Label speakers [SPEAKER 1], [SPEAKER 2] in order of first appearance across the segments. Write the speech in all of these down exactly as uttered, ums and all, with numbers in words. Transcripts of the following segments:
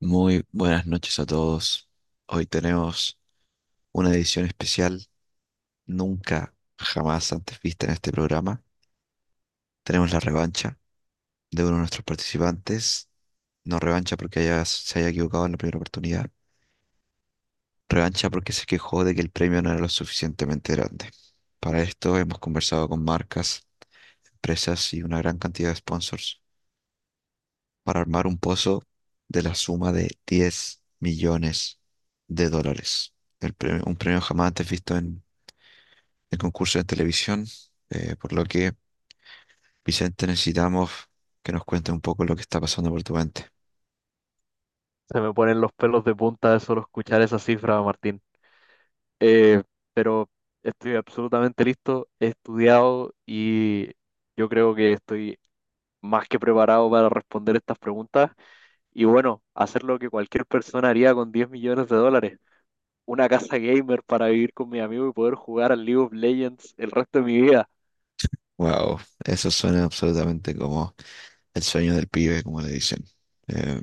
[SPEAKER 1] Muy buenas noches a todos. Hoy tenemos una edición especial nunca jamás antes vista en este programa. Tenemos la revancha de uno de nuestros participantes. No revancha porque haya- se haya equivocado en la primera oportunidad. Revancha porque se quejó de que el premio no era lo suficientemente grande. Para esto hemos conversado con marcas, empresas y una gran cantidad de sponsors para armar un pozo de la suma de diez millones de dólares. El premio- un premio jamás antes visto en de concursos de televisión, eh, por lo que, Vicente, necesitamos que nos cuente un poco lo que está pasando por tu mente.
[SPEAKER 2] Se me ponen los pelos de punta de solo escuchar esa cifra, Martín. Eh, pero estoy absolutamente listo, he estudiado y yo creo que estoy más que preparado para responder estas preguntas. Y bueno, hacer lo que cualquier persona haría con diez millones de dólares. Una casa gamer para vivir con mi amigo y poder jugar al League of Legends el resto de mi vida.
[SPEAKER 1] Wow, eso suena absolutamente como el sueño del pibe, como le dicen. Eh,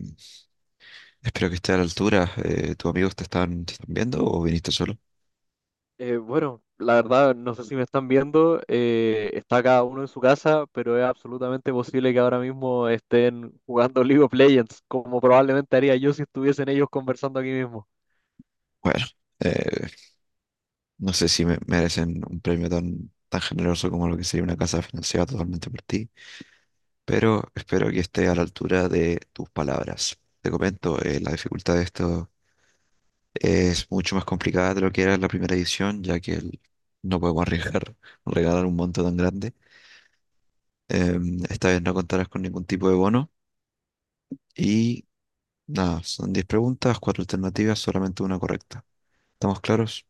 [SPEAKER 1] Espero que esté a la altura. Eh, ¿tus amigos te están, te están viendo o viniste solo?
[SPEAKER 2] Eh, bueno, la verdad, no sé si me están viendo, eh, está cada uno en su casa, pero es absolutamente posible que ahora mismo estén jugando League of Legends, como probablemente haría yo si estuviesen ellos conversando aquí mismo.
[SPEAKER 1] Bueno, eh, no sé si me- merecen un premio tan, tan generoso como lo que sería una casa financiada totalmente por ti, pero espero que esté a la altura de tus palabras. Te comento, eh, la dificultad de esto es mucho más complicada de lo que era la primera edición, ya que el- no podemos arriesgar regalar un monto tan grande. Em, esta vez no contarás con ningún tipo de bono. Y nada, son diez preguntas, cuatro alternativas, solamente una correcta. ¿Estamos claros?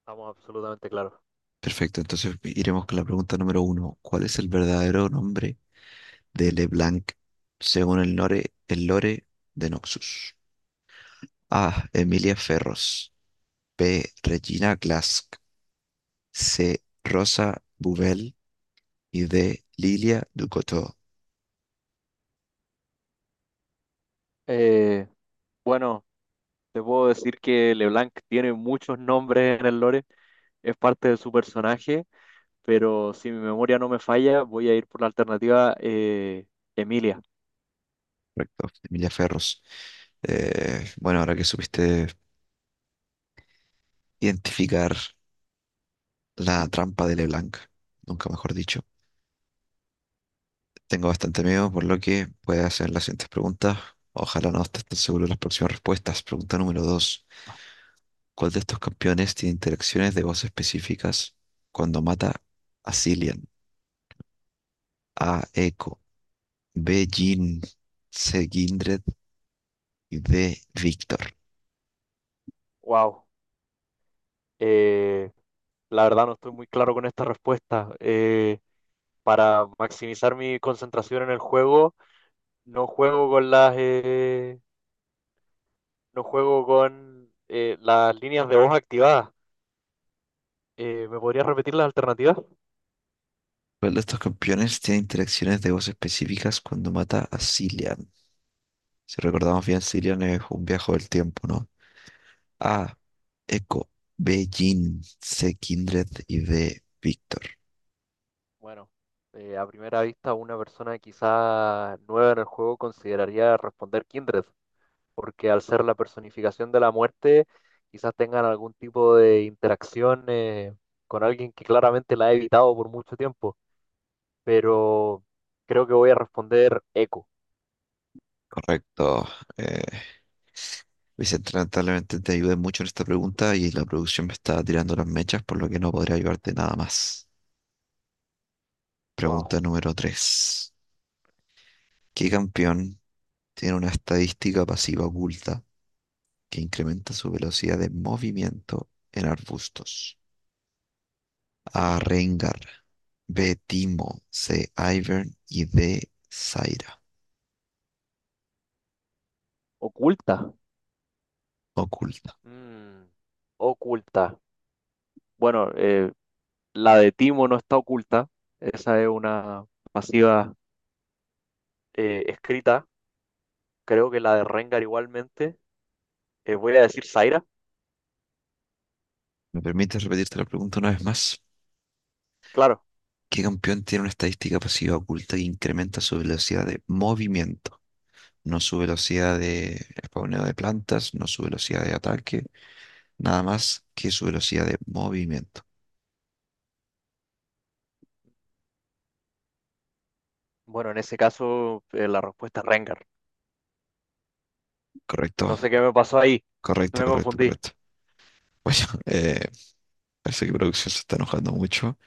[SPEAKER 2] Estamos absolutamente claros.
[SPEAKER 1] Perfecto, entonces iremos con la pregunta número uno. ¿Cuál es el verdadero nombre de LeBlanc según el lore, el lore de Noxus? A. Emilia Ferros. B. Regina Glask. C. Rosa Bubel y de Lilia Ducotto,
[SPEAKER 2] Eh, bueno, te puedo decir que LeBlanc tiene muchos nombres en el lore, es parte de su personaje, pero si mi memoria no me falla, voy a ir por la alternativa eh, Emilia.
[SPEAKER 1] correcto, de Emilia Ferros. Eh, bueno, ahora que supiste identificar la trampa de LeBlanc, nunca mejor dicho, tengo bastante miedo, por lo que voy a hacer las siguientes preguntas. Ojalá no estés tan seguro de las próximas respuestas. Pregunta número dos: ¿Cuál de estos campeones tiene interacciones de voz específicas cuando mata a Cillian? A. Echo, B. Jin, C. Kindred y D. Victor.
[SPEAKER 2] Wow. La verdad no estoy muy claro con esta respuesta. Eh, para maximizar mi concentración en el juego, no juego con las eh, no juego con eh, las líneas de voz activadas. Eh, ¿me podrías repetir las alternativas?
[SPEAKER 1] ¿Cuál de estos campeones tiene interacciones de voz específicas cuando mata a Cillian? Si recordamos bien, Cillian es un viaje del tiempo, ¿no? A. Echo. B. Jin. C. Kindred. Y D. Víctor.
[SPEAKER 2] Bueno, eh, a primera vista una persona quizá nueva en el juego consideraría responder Kindred, porque al ser la personificación de la muerte, quizás tengan algún tipo de interacción eh, con alguien que claramente la ha evitado por mucho tiempo. Pero creo que voy a responder eco.
[SPEAKER 1] Correcto. Eh, Vicente, lamentablemente te ayudé mucho en esta pregunta y la producción me está tirando las mechas, por lo que no podría ayudarte nada más. Pregunta
[SPEAKER 2] Wow.
[SPEAKER 1] número tres. ¿Qué campeón tiene una estadística pasiva oculta que incrementa su velocidad de movimiento en arbustos? A. Rengar, B. Timo, C. Ivern y D. Zaira,
[SPEAKER 2] Oculta.
[SPEAKER 1] oculta.
[SPEAKER 2] Mm, Oculta. Bueno, eh, la de Timo no está oculta. Esa es una pasiva eh, escrita. Creo que la de Rengar igualmente. Eh, voy a decir Zaira.
[SPEAKER 1] ¿Me permites repetirte la pregunta una vez más?
[SPEAKER 2] Claro.
[SPEAKER 1] ¿Qué campeón tiene una estadística pasiva oculta que incrementa su velocidad de movimiento? No su velocidad de spawneo de plantas, no su velocidad de ataque, nada más que su velocidad de movimiento.
[SPEAKER 2] Bueno, en ese caso eh, la respuesta es Rengar.
[SPEAKER 1] ¿Correcto?
[SPEAKER 2] No sé qué me pasó ahí. No
[SPEAKER 1] Correcto,
[SPEAKER 2] Me
[SPEAKER 1] correcto,
[SPEAKER 2] confundí.
[SPEAKER 1] correcto. Bueno, eh, parece que producción se está enojando mucho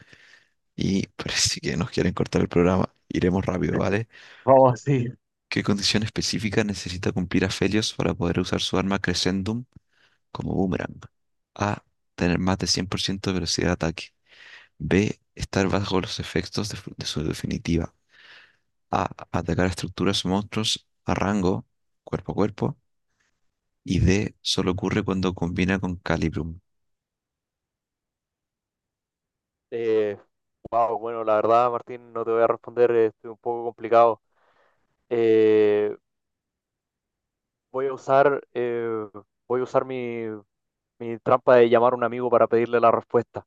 [SPEAKER 1] y parece que nos quieren cortar el programa. Iremos rápido, ¿vale?
[SPEAKER 2] Vamos así.
[SPEAKER 1] ¿Qué condición específica necesita cumplir Aphelios para poder usar su arma Crescendum como boomerang? A. Tener más de cien por ciento de velocidad de ataque. B. Estar bajo los efectos de, de, su definitiva. A. Atacar a estructuras o monstruos a rango, cuerpo a cuerpo. Y D. Solo ocurre cuando combina con Calibrum.
[SPEAKER 2] Eh, wow, bueno, la verdad, Martín, no te voy a responder, eh, estoy un poco complicado. Eh, Voy a usar, eh, voy a usar mi, mi trampa de llamar a un amigo para pedirle la respuesta.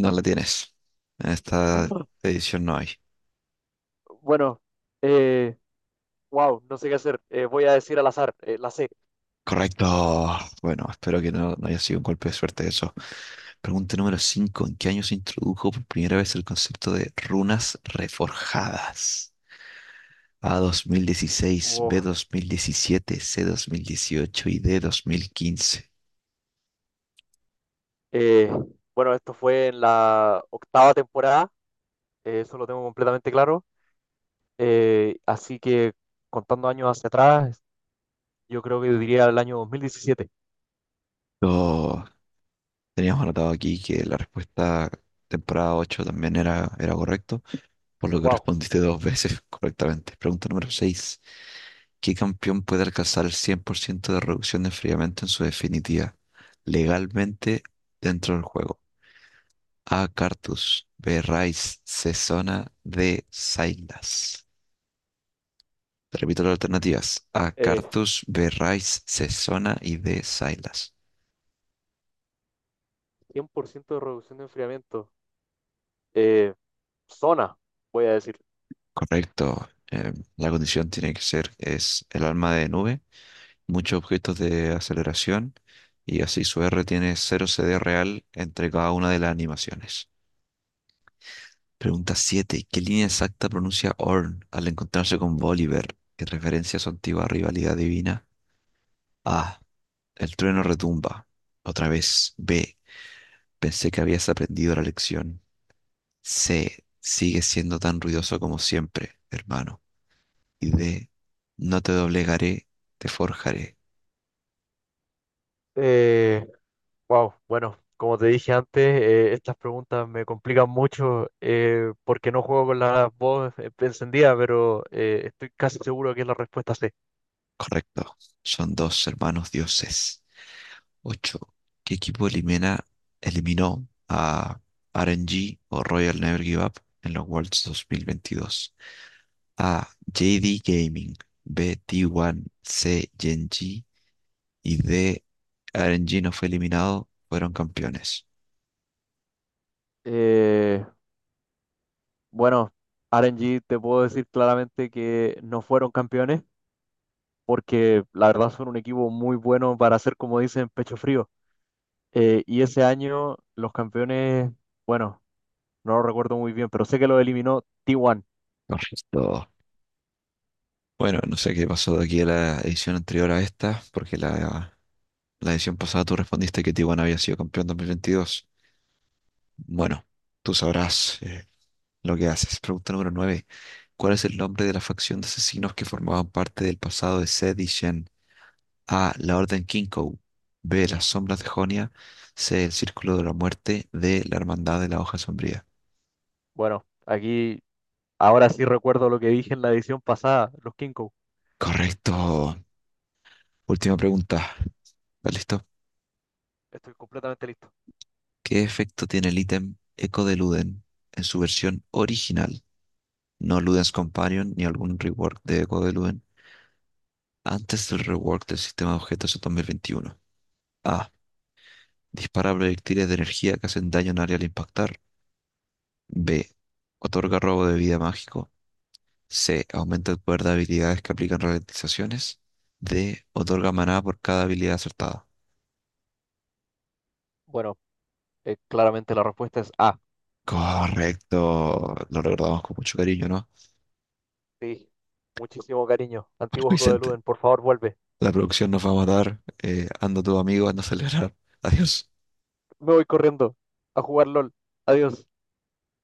[SPEAKER 1] No la tienes. En esta edición no hay.
[SPEAKER 2] Bueno, eh, wow, no sé qué hacer. Eh, voy a decir al azar, eh, la C.
[SPEAKER 1] Correcto. Bueno, espero que no, no haya sido un golpe de suerte eso. Pregunta número cinco: ¿En qué año se introdujo por primera vez el concepto de runas reforjadas? A dos mil dieciséis, B
[SPEAKER 2] Wow.
[SPEAKER 1] dos mil diecisiete, C dos mil dieciocho y D dos mil quince.
[SPEAKER 2] Eh, bueno, esto fue en la octava temporada, eh, eso lo tengo completamente claro. Eh, así que contando años hacia atrás, yo creo que diría el año dos mil diecisiete.
[SPEAKER 1] Yo- teníamos anotado aquí que la respuesta temporada ocho también era, era correcto, por lo que
[SPEAKER 2] Wow,
[SPEAKER 1] respondiste dos veces correctamente. Pregunta número seis: ¿Qué campeón puede alcanzar el cien por ciento de reducción de enfriamiento en su definitiva legalmente dentro del juego? A. Cartus. B. Rice. C. Zona. D. Silas. Te repito las alternativas. A.
[SPEAKER 2] eh,
[SPEAKER 1] Cartus. B. Rice. C. Zona y D. Silas.
[SPEAKER 2] cien por ciento de reducción de enfriamiento. Eh, Zona, voy a decir.
[SPEAKER 1] Correcto. Eh, la condición tiene que ser es el alma de nube, muchos objetos de aceleración y así su R tiene cero C D real entre cada una de las animaciones. Pregunta siete: ¿Qué línea exacta pronuncia Orn al encontrarse con Bolívar? ¿Qué referencia a su antigua rivalidad divina? A. El trueno retumba. Otra vez. B. Pensé que habías aprendido la lección. C. Sigue siendo tan ruidoso como siempre, hermano. Y D. No te doblegaré, te forjaré.
[SPEAKER 2] Eh, Wow, bueno, como te dije antes, eh, estas preguntas me complican mucho eh, porque no juego con la voz eh, encendida, pero eh, estoy casi seguro que es la respuesta C.
[SPEAKER 1] Correcto. Son dos hermanos dioses. Ocho, ¿qué equipo elimina, eliminó a R N G o Royal Never Give Up en los Worlds dos mil veintidós? A. J D Gaming. B. T uno. C. gen G. Y D. R N G no fue eliminado, fueron campeones.
[SPEAKER 2] Eh, bueno, R N G te puedo decir claramente que no fueron campeones porque la verdad son un equipo muy bueno para hacer, como dicen, pecho frío. Eh, y ese año los campeones, bueno, no lo recuerdo muy bien, pero sé que lo eliminó T uno.
[SPEAKER 1] Correcto. Bueno, no sé qué pasó de aquí a la edición anterior a esta, porque la, la edición pasada tú respondiste que Tijuana había sido campeón dos mil veintidós. Bueno, tú sabrás eh, lo que haces. Pregunta número nueve. ¿Cuál es el nombre de la facción de asesinos que formaban parte del pasado de Zed y Shen? A. La Orden Kinkou. B. Las Sombras de Jonia. C. El Círculo de la Muerte. D. La Hermandad de la Hoja Sombría.
[SPEAKER 2] Bueno, aquí ahora sí recuerdo lo que dije en la edición pasada, los King.
[SPEAKER 1] Correcto. Última pregunta. ¿Estás listo?
[SPEAKER 2] Estoy completamente listo.
[SPEAKER 1] ¿Qué efecto tiene el ítem Echo de Luden en su versión original? No Luden's Companion ni algún rework de Echo de Luden antes del rework del sistema de objetos en dos mil veintiuno. A. Dispara proyectiles de energía que hacen daño en área al impactar. B. Otorga robo de vida mágico. C. Aumenta el poder de habilidades que aplican ralentizaciones. D. Otorga maná por cada habilidad acertada.
[SPEAKER 2] Bueno, eh, claramente la respuesta es A.
[SPEAKER 1] Correcto. Lo recordamos con mucho cariño, ¿no?
[SPEAKER 2] Sí. Muchísimo cariño. Antiguo juego de
[SPEAKER 1] Vicente.
[SPEAKER 2] Luden, por favor, vuelve.
[SPEAKER 1] La producción nos va a matar. Eh, anda tu amigo, anda a celebrar. Adiós.
[SPEAKER 2] Me voy corriendo a jugar L O L. Adiós.